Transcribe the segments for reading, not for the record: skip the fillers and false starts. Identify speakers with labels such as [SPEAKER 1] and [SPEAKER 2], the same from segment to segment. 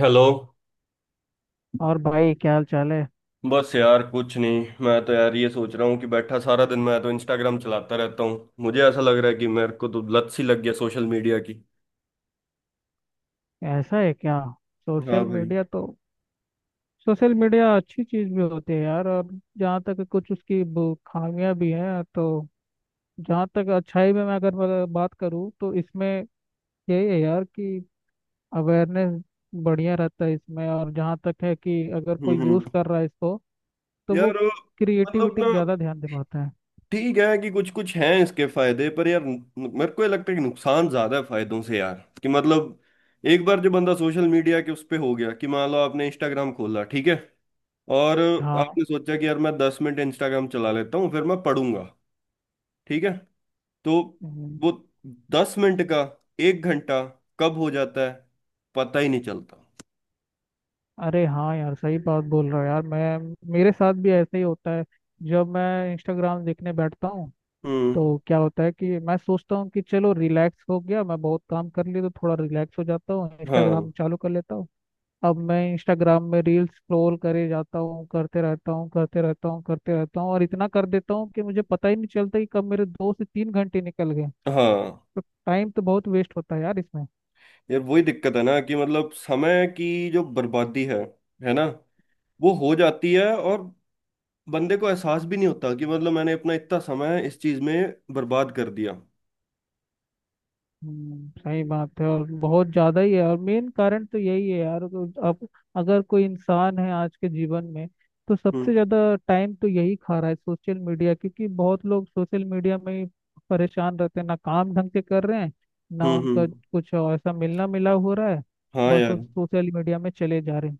[SPEAKER 1] Hello.
[SPEAKER 2] और भाई क्या हाल चाल है।
[SPEAKER 1] बस यार कुछ नहीं। मैं तो यार ये सोच रहा हूँ कि बैठा सारा दिन मैं तो इंस्टाग्राम चलाता रहता हूँ। मुझे ऐसा लग रहा है कि मेरे को तो लत सी लग गया सोशल मीडिया की।
[SPEAKER 2] ऐसा है क्या।
[SPEAKER 1] हाँ
[SPEAKER 2] सोशल
[SPEAKER 1] भाई।
[SPEAKER 2] मीडिया तो सोशल मीडिया अच्छी चीज भी होती है यार। और जहाँ तक कुछ उसकी खामियां भी हैं तो जहाँ तक अच्छाई में मैं अगर बात करूँ तो इसमें यही है यार कि अवेयरनेस बढ़िया रहता है इसमें। और जहाँ तक है कि अगर कोई यूज
[SPEAKER 1] हम्म।
[SPEAKER 2] कर रहा है इसको तो वो
[SPEAKER 1] यार मतलब
[SPEAKER 2] क्रिएटिविटी पे
[SPEAKER 1] ना
[SPEAKER 2] ज्यादा ध्यान दे पाता है।
[SPEAKER 1] ठीक है कि कुछ कुछ हैं इसके फायदे, पर यार मेरे को ये लगता है कि नुकसान ज्यादा है फायदों से यार। कि मतलब एक बार जो बंदा सोशल मीडिया के उस पे हो गया कि मान लो आपने इंस्टाग्राम खोला, ठीक है। और
[SPEAKER 2] हाँ।
[SPEAKER 1] आपने सोचा कि यार मैं 10 मिनट इंस्टाग्राम चला लेता हूँ फिर मैं पढ़ूंगा। ठीक है। तो वो 10 मिनट का 1 घंटा कब हो जाता है पता ही नहीं चलता।
[SPEAKER 2] अरे हाँ यार सही बात बोल रहा हो यार मैं, मेरे साथ भी ऐसा ही होता है। जब मैं इंस्टाग्राम देखने बैठता हूँ
[SPEAKER 1] हम्म,
[SPEAKER 2] तो क्या होता है कि मैं सोचता हूँ कि चलो रिलैक्स हो गया, मैं बहुत काम कर लिया तो थोड़ा रिलैक्स हो जाता हूँ, इंस्टाग्राम
[SPEAKER 1] हाँ
[SPEAKER 2] चालू कर लेता हूँ। अब मैं इंस्टाग्राम में रील्स स्क्रॉल करे जाता हूँ, करते रहता हूँ करते रहता हूँ करते रहता हूँ और इतना कर देता हूँ कि मुझे पता ही नहीं चलता कि कब मेरे 2 से 3 घंटे निकल गए।
[SPEAKER 1] हाँ।
[SPEAKER 2] तो टाइम तो बहुत वेस्ट होता है यार इसमें।
[SPEAKER 1] यार वही दिक्कत है ना कि मतलब समय की जो बर्बादी है ना, वो हो जाती है। और बंदे को एहसास भी नहीं होता कि मतलब मैंने अपना इतना समय इस चीज में बर्बाद कर दिया।
[SPEAKER 2] सही बात है। और बहुत ज्यादा ही है और मेन कारण तो यही है यार। तो अब अगर कोई इंसान है आज के जीवन में तो सबसे
[SPEAKER 1] हम्म
[SPEAKER 2] ज्यादा टाइम तो यही खा रहा है सोशल मीडिया, क्योंकि बहुत लोग सोशल मीडिया में ही परेशान रहते हैं, ना काम ढंग से कर रहे हैं, ना उनका
[SPEAKER 1] हम्म।
[SPEAKER 2] कुछ ऐसा मिलना मिला हो रहा है,
[SPEAKER 1] हाँ
[SPEAKER 2] बस वो
[SPEAKER 1] यार
[SPEAKER 2] सोशल मीडिया में चले जा रहे हैं।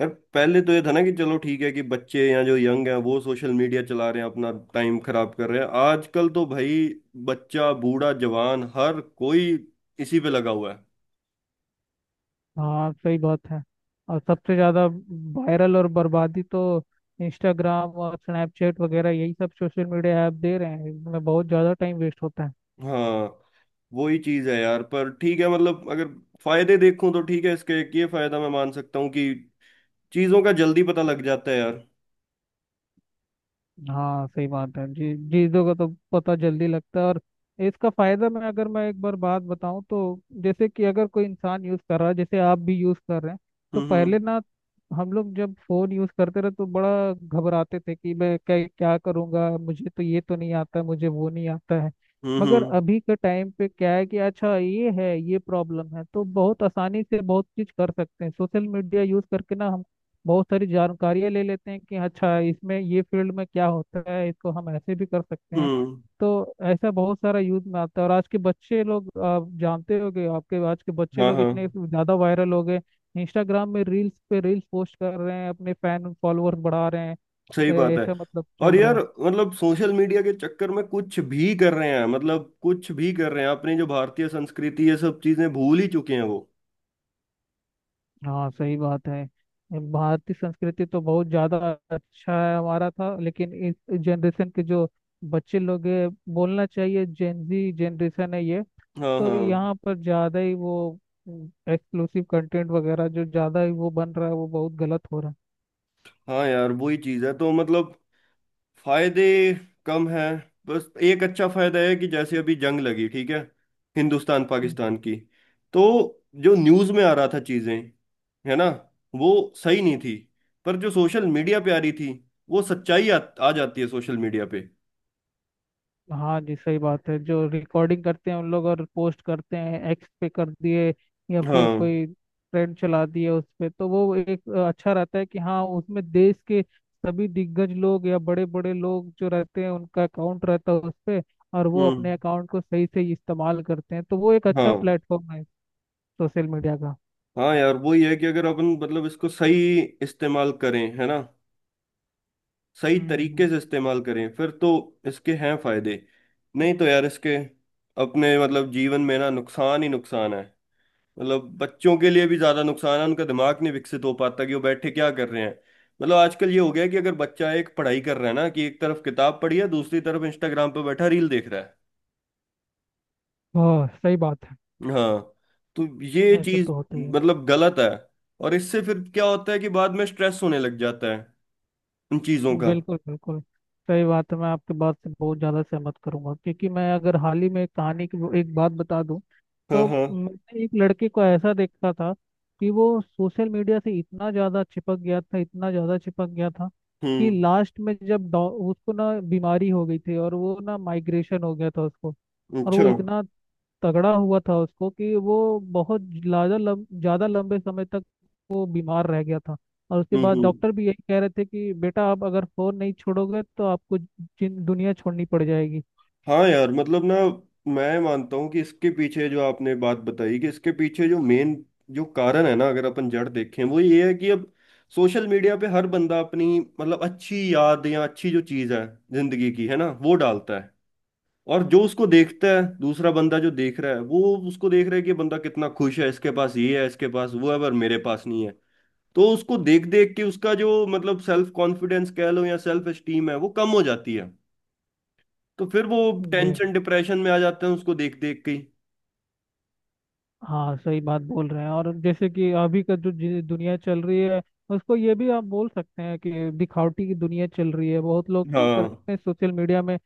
[SPEAKER 1] यार, पहले तो ये था ना कि चलो ठीक है कि बच्चे या जो यंग हैं वो सोशल मीडिया चला रहे हैं, अपना टाइम खराब कर रहे हैं। आजकल तो भाई बच्चा बूढ़ा जवान हर कोई इसी पे लगा हुआ है।
[SPEAKER 2] हाँ सही बात है। और सबसे ज़्यादा वायरल और बर्बादी तो इंस्टाग्राम और स्नैपचैट वगैरह यही सब सोशल मीडिया ऐप दे रहे हैं। इनमें बहुत ज़्यादा टाइम वेस्ट होता है।
[SPEAKER 1] हाँ वही चीज है यार, पर ठीक है, मतलब अगर फायदे देखूं तो ठीक है इसके एक ये फायदा मैं मान सकता हूँ कि चीजों का जल्दी पता लग जाता है यार।
[SPEAKER 2] हाँ सही बात है जी। चीज़ों का तो पता जल्दी लगता है, और इसका फायदा मैं अगर मैं एक बार बात बताऊं तो जैसे कि अगर कोई इंसान यूज कर रहा है, जैसे आप भी यूज कर रहे हैं, तो
[SPEAKER 1] हम्म हम्म
[SPEAKER 2] पहले ना हम लोग जब फोन यूज करते रहे तो बड़ा घबराते थे कि मैं क्या क्या करूंगा, मुझे तो ये तो नहीं आता, मुझे वो नहीं आता है। मगर
[SPEAKER 1] हम्म
[SPEAKER 2] अभी के टाइम पे क्या है कि अच्छा ये है, ये प्रॉब्लम है तो बहुत आसानी से बहुत चीज कर सकते हैं सोशल मीडिया यूज करके ना। बहुत सारी जानकारियाँ ले लेते हैं कि अच्छा इसमें ये फील्ड में क्या होता है, इसको हम ऐसे भी कर सकते हैं।
[SPEAKER 1] हम्म
[SPEAKER 2] तो ऐसा बहुत सारा यूज में आता है। और आज के बच्चे लोग आप जानते होंगे, आपके आज के बच्चे
[SPEAKER 1] हाँ
[SPEAKER 2] लोग इतने
[SPEAKER 1] हाँ
[SPEAKER 2] ज़्यादा वायरल हो गए, इंस्टाग्राम में रील्स पे रील्स पोस्ट कर रहे हैं, अपने फैन फॉलोअर्स बढ़ा रहे हैं,
[SPEAKER 1] सही बात है।
[SPEAKER 2] ऐसा मतलब
[SPEAKER 1] और
[SPEAKER 2] चल रहा
[SPEAKER 1] यार
[SPEAKER 2] है।
[SPEAKER 1] मतलब सोशल मीडिया के चक्कर में कुछ भी कर रहे हैं, मतलब कुछ भी कर रहे हैं, अपनी जो भारतीय संस्कृति ये सब चीजें भूल ही चुके हैं वो।
[SPEAKER 2] हाँ सही बात है। भारतीय संस्कृति तो बहुत ज़्यादा अच्छा है, हमारा था, लेकिन इस जनरेशन के जो बच्चे लोग हैं, बोलना चाहिए जेनजी जनरेशन है ये,
[SPEAKER 1] हाँ
[SPEAKER 2] तो
[SPEAKER 1] हाँ।
[SPEAKER 2] यहाँ पर ज़्यादा ही वो एक्सक्लूसिव कंटेंट वगैरह जो ज़्यादा ही वो बन रहा है, वो बहुत गलत हो रहा
[SPEAKER 1] हाँ यार वही चीज है तो मतलब फायदे कम है। बस एक अच्छा फायदा है कि जैसे अभी जंग लगी, ठीक है, हिंदुस्तान
[SPEAKER 2] है।
[SPEAKER 1] पाकिस्तान की। तो जो न्यूज में आ रहा था चीजें, है ना, वो सही नहीं थी, पर जो सोशल मीडिया पे आ रही थी वो सच्चाई आ जाती है सोशल मीडिया पे।
[SPEAKER 2] हाँ जी सही बात है। जो रिकॉर्डिंग करते हैं उन लोग और पोस्ट करते हैं एक्स पे कर दिए या फिर
[SPEAKER 1] हाँ
[SPEAKER 2] कोई ट्रेंड चला दिए उस पे, तो वो एक अच्छा रहता है कि हाँ, उसमें देश के सभी दिग्गज लोग या बड़े बड़े लोग जो रहते हैं उनका अकाउंट रहता है उस पे। और वो
[SPEAKER 1] हम्म,
[SPEAKER 2] अपने अकाउंट को सही से इस्तेमाल करते हैं तो वो एक अच्छा
[SPEAKER 1] हाँ
[SPEAKER 2] प्लेटफॉर्म है सोशल मीडिया का।
[SPEAKER 1] हाँ। यार वो ये है कि अगर अपन मतलब इसको सही इस्तेमाल करें, है ना, सही
[SPEAKER 2] हम्म
[SPEAKER 1] तरीके
[SPEAKER 2] हम्म।
[SPEAKER 1] से इस्तेमाल करें फिर तो इसके हैं फायदे। नहीं तो यार इसके अपने मतलब जीवन में ना नुकसान ही नुकसान है। मतलब बच्चों के लिए भी ज्यादा नुकसान है, उनका दिमाग नहीं विकसित हो पाता कि वो बैठे क्या कर रहे हैं। मतलब आजकल ये हो गया है कि अगर बच्चा एक पढ़ाई कर रहा है ना कि एक तरफ किताब पढ़ी है दूसरी तरफ इंस्टाग्राम पे बैठा रील देख रहा है।
[SPEAKER 2] हाँ सही बात है।
[SPEAKER 1] हाँ तो ये
[SPEAKER 2] ऐसे
[SPEAKER 1] चीज
[SPEAKER 2] तो होता ही है।
[SPEAKER 1] मतलब गलत है। और इससे फिर क्या होता है कि बाद में स्ट्रेस होने लग जाता है उन चीजों का।
[SPEAKER 2] बिल्कुल बिल्कुल सही बात है। मैं आपके बात से बहुत ज़्यादा सहमत करूंगा, क्योंकि मैं अगर हाल ही में कहानी की वो एक बात बता दूं
[SPEAKER 1] हाँ
[SPEAKER 2] तो
[SPEAKER 1] हाँ।
[SPEAKER 2] मैंने एक लड़के को ऐसा देखा था कि वो सोशल मीडिया से इतना ज़्यादा चिपक गया था, इतना ज़्यादा चिपक गया था कि
[SPEAKER 1] हम्म।
[SPEAKER 2] लास्ट में जब उसको ना बीमारी हो गई थी, और वो ना माइग्रेशन हो गया था उसको। और
[SPEAKER 1] अच्छा
[SPEAKER 2] वो इतना तगड़ा हुआ था उसको कि वो बहुत ज्यादा ज्यादा लंबे समय तक वो बीमार रह गया था। और उसके बाद
[SPEAKER 1] हम्म।
[SPEAKER 2] डॉक्टर भी यही कह रहे थे कि बेटा आप अगर फोन नहीं छोड़ोगे तो आपको जिन दुनिया छोड़नी पड़ जाएगी।
[SPEAKER 1] हाँ यार मतलब ना, मैं मानता हूँ कि इसके पीछे जो आपने बात बताई, कि इसके पीछे जो मेन जो कारण है ना, अगर अपन जड़ देखें वो ये है कि अब सोशल मीडिया पे हर बंदा अपनी मतलब अच्छी याद या अच्छी जो चीज है जिंदगी की, है ना, वो डालता है। और जो उसको देखता है दूसरा बंदा, जो देख रहा है वो उसको देख रहा है कि ये बंदा कितना खुश है, इसके पास ये है, इसके पास वो है, पर मेरे पास नहीं है। तो उसको देख देख के उसका जो मतलब सेल्फ कॉन्फिडेंस कह लो या सेल्फ एस्टीम है वो कम हो जाती है। तो फिर वो
[SPEAKER 2] जी।
[SPEAKER 1] टेंशन डिप्रेशन में आ जाते हैं उसको देख देख के ही।
[SPEAKER 2] हाँ सही बात बोल रहे हैं। और जैसे कि अभी का जो दुनिया चल रही है, उसको ये भी आप बोल सकते हैं कि दिखावटी की दुनिया चल रही है। बहुत लोग क्या
[SPEAKER 1] हाँ
[SPEAKER 2] करते हैं सोशल मीडिया में,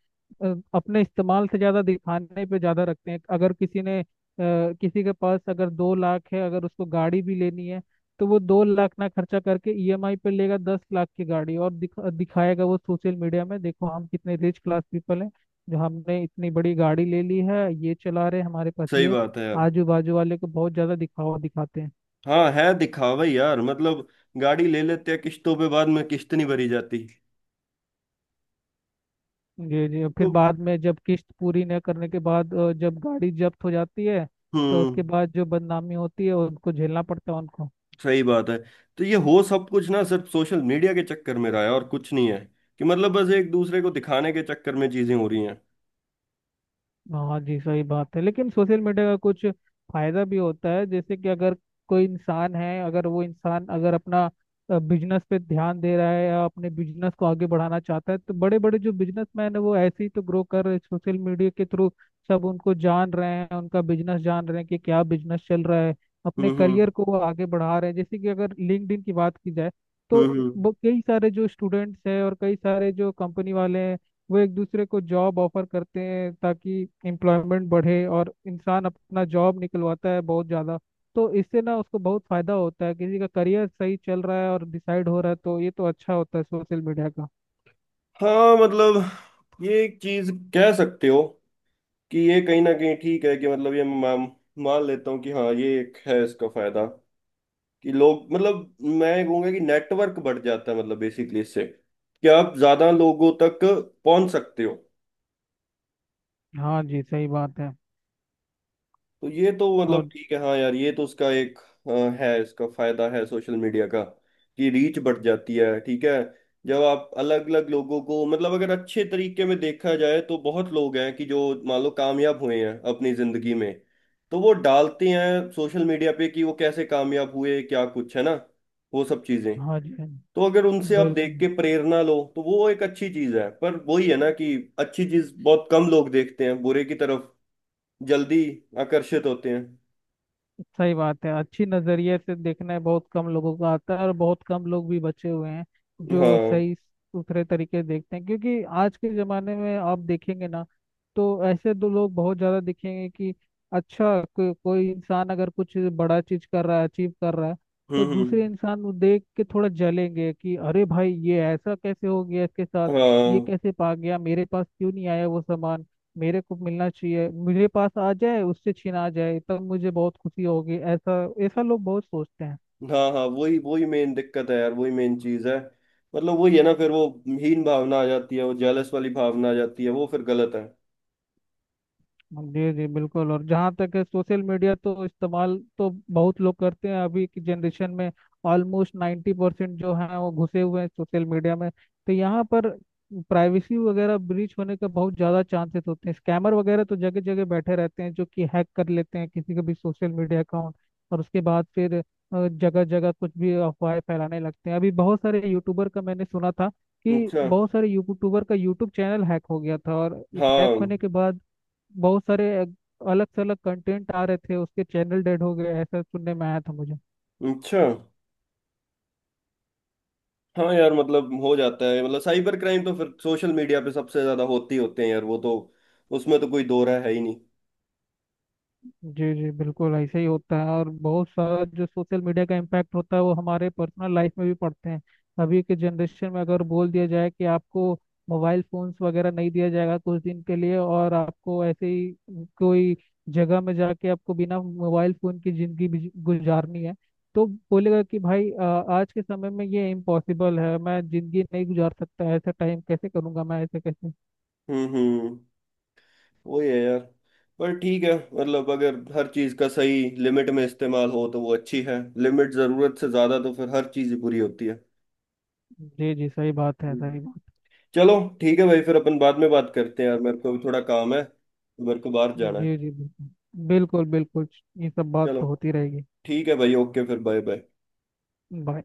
[SPEAKER 2] अपने इस्तेमाल से ज़्यादा दिखाने पे ज़्यादा रखते हैं। अगर किसी ने किसी के पास अगर 2 लाख है, अगर उसको गाड़ी भी लेनी है तो वो 2 लाख ना खर्चा करके ईएमआई पे लेगा 10 लाख की गाड़ी, और दिखाएगा वो सोशल मीडिया में, देखो हम कितने रिच क्लास पीपल हैं जो हमने इतनी बड़ी गाड़ी ले ली है, ये चला रहे हैं, हमारे पास
[SPEAKER 1] सही
[SPEAKER 2] ये,
[SPEAKER 1] बात है यार।
[SPEAKER 2] आजू बाजू वाले को बहुत ज्यादा दिखावा दिखाते हैं।
[SPEAKER 1] हाँ है दिखावा ही यार, मतलब गाड़ी ले लेते हैं किश्तों पे, बाद में किश्त नहीं भरी जाती
[SPEAKER 2] जी जी फिर
[SPEAKER 1] तो।
[SPEAKER 2] बाद में जब किस्त पूरी न करने के बाद जब गाड़ी जब्त हो जाती है तो
[SPEAKER 1] हम्म,
[SPEAKER 2] उसके बाद जो बदनामी होती है उनको झेलना पड़ता है उनको।
[SPEAKER 1] सही बात है। तो ये हो सब कुछ ना सिर्फ सोशल मीडिया के चक्कर में रहा है और कुछ नहीं है। कि मतलब बस एक दूसरे को दिखाने के चक्कर में चीजें हो रही हैं।
[SPEAKER 2] हाँ जी सही बात है, लेकिन सोशल मीडिया का कुछ फायदा भी होता है, जैसे कि अगर कोई इंसान है, अगर वो इंसान अगर अपना बिजनेस पे ध्यान दे रहा है या अपने बिजनेस को आगे बढ़ाना चाहता है तो बड़े बड़े जो बिजनेसमैन है वो ऐसे ही तो ग्रो कर रहे सोशल मीडिया के थ्रू। सब उनको जान रहे हैं, उनका बिजनेस जान रहे हैं कि क्या बिजनेस चल रहा है। अपने
[SPEAKER 1] हम्म हम्म
[SPEAKER 2] करियर को वो आगे बढ़ा रहे हैं, जैसे कि अगर लिंक्डइन की बात की जाए तो
[SPEAKER 1] हम्म हम्म।
[SPEAKER 2] वो कई सारे जो स्टूडेंट्स हैं और कई सारे जो कंपनी वाले हैं वो एक दूसरे को जॉब ऑफर करते हैं, ताकि एम्प्लॉयमेंट बढ़े और इंसान अपना जॉब निकलवाता है बहुत ज़्यादा। तो इससे ना उसको बहुत फायदा होता है, किसी का करियर सही चल रहा है और डिसाइड हो रहा है, तो ये तो अच्छा होता है सोशल मीडिया का।
[SPEAKER 1] हाँ मतलब ये एक चीज कह सकते हो कि ये कहीं ना कहीं ठीक है, कि मतलब ये मैं मान लेता हूँ कि हाँ ये एक है इसका फायदा। कि लोग मतलब मैं कहूँगा कि नेटवर्क बढ़ जाता है, मतलब बेसिकली इससे कि आप ज्यादा लोगों तक पहुंच सकते हो।
[SPEAKER 2] हाँ जी सही बात है।
[SPEAKER 1] तो ये तो मतलब
[SPEAKER 2] और
[SPEAKER 1] ठीक है, हाँ यार ये तो उसका एक अ, है इसका फायदा है सोशल मीडिया का, कि रीच बढ़ जाती है। ठीक है, जब आप अलग अलग लोगों को मतलब अगर अच्छे तरीके में देखा जाए तो बहुत लोग हैं कि जो मान लो कामयाब हुए हैं अपनी जिंदगी में। तो वो डालते हैं सोशल मीडिया पे कि वो कैसे कामयाब हुए, क्या कुछ है ना, वो सब चीजें।
[SPEAKER 2] हाँ जी हाँ
[SPEAKER 1] तो
[SPEAKER 2] जी,
[SPEAKER 1] अगर उनसे आप देख
[SPEAKER 2] बिल्कुल
[SPEAKER 1] के प्रेरणा लो तो वो एक अच्छी चीज है, पर वही है ना कि अच्छी चीज बहुत कम लोग देखते हैं, बुरे की तरफ जल्दी आकर्षित होते हैं।
[SPEAKER 2] सही बात है। अच्छी नजरिए से देखना है बहुत कम लोगों को आता है, और बहुत कम लोग भी बचे हुए हैं जो
[SPEAKER 1] हाँ।
[SPEAKER 2] सही सुथरे तरीके से देखते हैं, क्योंकि आज के जमाने में आप देखेंगे ना तो ऐसे दो लोग बहुत ज्यादा दिखेंगे कि अच्छा कोई इंसान अगर कुछ बड़ा चीज कर रहा है, अचीव कर रहा है तो
[SPEAKER 1] हम्म
[SPEAKER 2] दूसरे
[SPEAKER 1] हम्म,
[SPEAKER 2] इंसान को देख के थोड़ा जलेंगे कि अरे भाई ये ऐसा कैसे हो गया इसके साथ, ये
[SPEAKER 1] हाँ
[SPEAKER 2] कैसे पा गया, मेरे पास क्यों नहीं आया वो सामान, मेरे को मिलना चाहिए, मेरे पास आ जाए, उससे छीना जाए तब मुझे बहुत खुशी होगी, ऐसा ऐसा लोग बहुत सोचते हैं।
[SPEAKER 1] हाँ। हाँ वही वही मेन दिक्कत है यार, वही मेन चीज है। मतलब वही है ना, फिर वो हीन भावना आ जाती है, वो जेलस वाली भावना आ जाती है, वो फिर गलत है।
[SPEAKER 2] जी जी बिल्कुल। और जहाँ तक है सोशल मीडिया तो इस्तेमाल तो बहुत लोग करते हैं अभी की जनरेशन में। ऑलमोस्ट 90% जो हैं वो घुसे हुए हैं सोशल मीडिया में। तो यहाँ पर प्राइवेसी वगैरह ब्रीच होने का बहुत ज़्यादा चांसेस होते हैं, स्कैमर वगैरह तो जगह जगह बैठे रहते हैं जो कि हैक कर लेते हैं किसी का भी सोशल मीडिया अकाउंट। और उसके बाद फिर जगह जगह कुछ भी अफवाहें फैलाने लगते हैं। अभी बहुत सारे यूट्यूबर का मैंने सुना था कि
[SPEAKER 1] अच्छा।
[SPEAKER 2] बहुत सारे यूट्यूबर का यूट्यूब चैनल हैक हो गया था, और हैक
[SPEAKER 1] हाँ।
[SPEAKER 2] होने के बाद बहुत सारे अलग से अलग कंटेंट आ रहे थे, उसके चैनल डेड हो गए, ऐसा सुनने में आया था मुझे।
[SPEAKER 1] अच्छा। हाँ यार मतलब हो जाता है, मतलब साइबर क्राइम तो फिर सोशल मीडिया पे सबसे ज्यादा होती होते हैं यार वो तो। उसमें तो कोई दो राय है ही नहीं।
[SPEAKER 2] जी जी बिल्कुल ऐसे ही होता है। और बहुत सारा जो सोशल मीडिया का इम्पैक्ट होता है वो हमारे पर्सनल लाइफ में भी पड़ते हैं। अभी के जनरेशन में अगर बोल दिया जाए कि आपको मोबाइल फोन्स वगैरह नहीं दिया जाएगा कुछ दिन के लिए, और आपको ऐसे ही कोई जगह में जाके आपको बिना मोबाइल फोन की जिंदगी गुजारनी है तो बोलेगा कि भाई आज के समय में ये इम्पॉसिबल है, मैं जिंदगी नहीं गुजार सकता, ऐसा टाइम कैसे करूंगा मैं, ऐसे कैसे।
[SPEAKER 1] हम्म। वही है यार, पर ठीक है मतलब अगर हर चीज का सही लिमिट में इस्तेमाल हो तो वो अच्छी है, लिमिट जरूरत से ज्यादा तो फिर हर चीज ही बुरी होती है।
[SPEAKER 2] जी जी सही बात है।
[SPEAKER 1] हम्म।
[SPEAKER 2] सही बात।
[SPEAKER 1] चलो, ठीक है भाई, फिर अपन बाद में बात करते हैं यार, मेरे को भी थोड़ा काम है। मेरे को बाहर जाना है।
[SPEAKER 2] जी जी बिल्कुल बिल्कुल बिल्कुल। ये सब बात
[SPEAKER 1] चलो,
[SPEAKER 2] तो होती रहेगी।
[SPEAKER 1] ठीक है भाई, ओके, फिर बाय बाय।
[SPEAKER 2] बाय।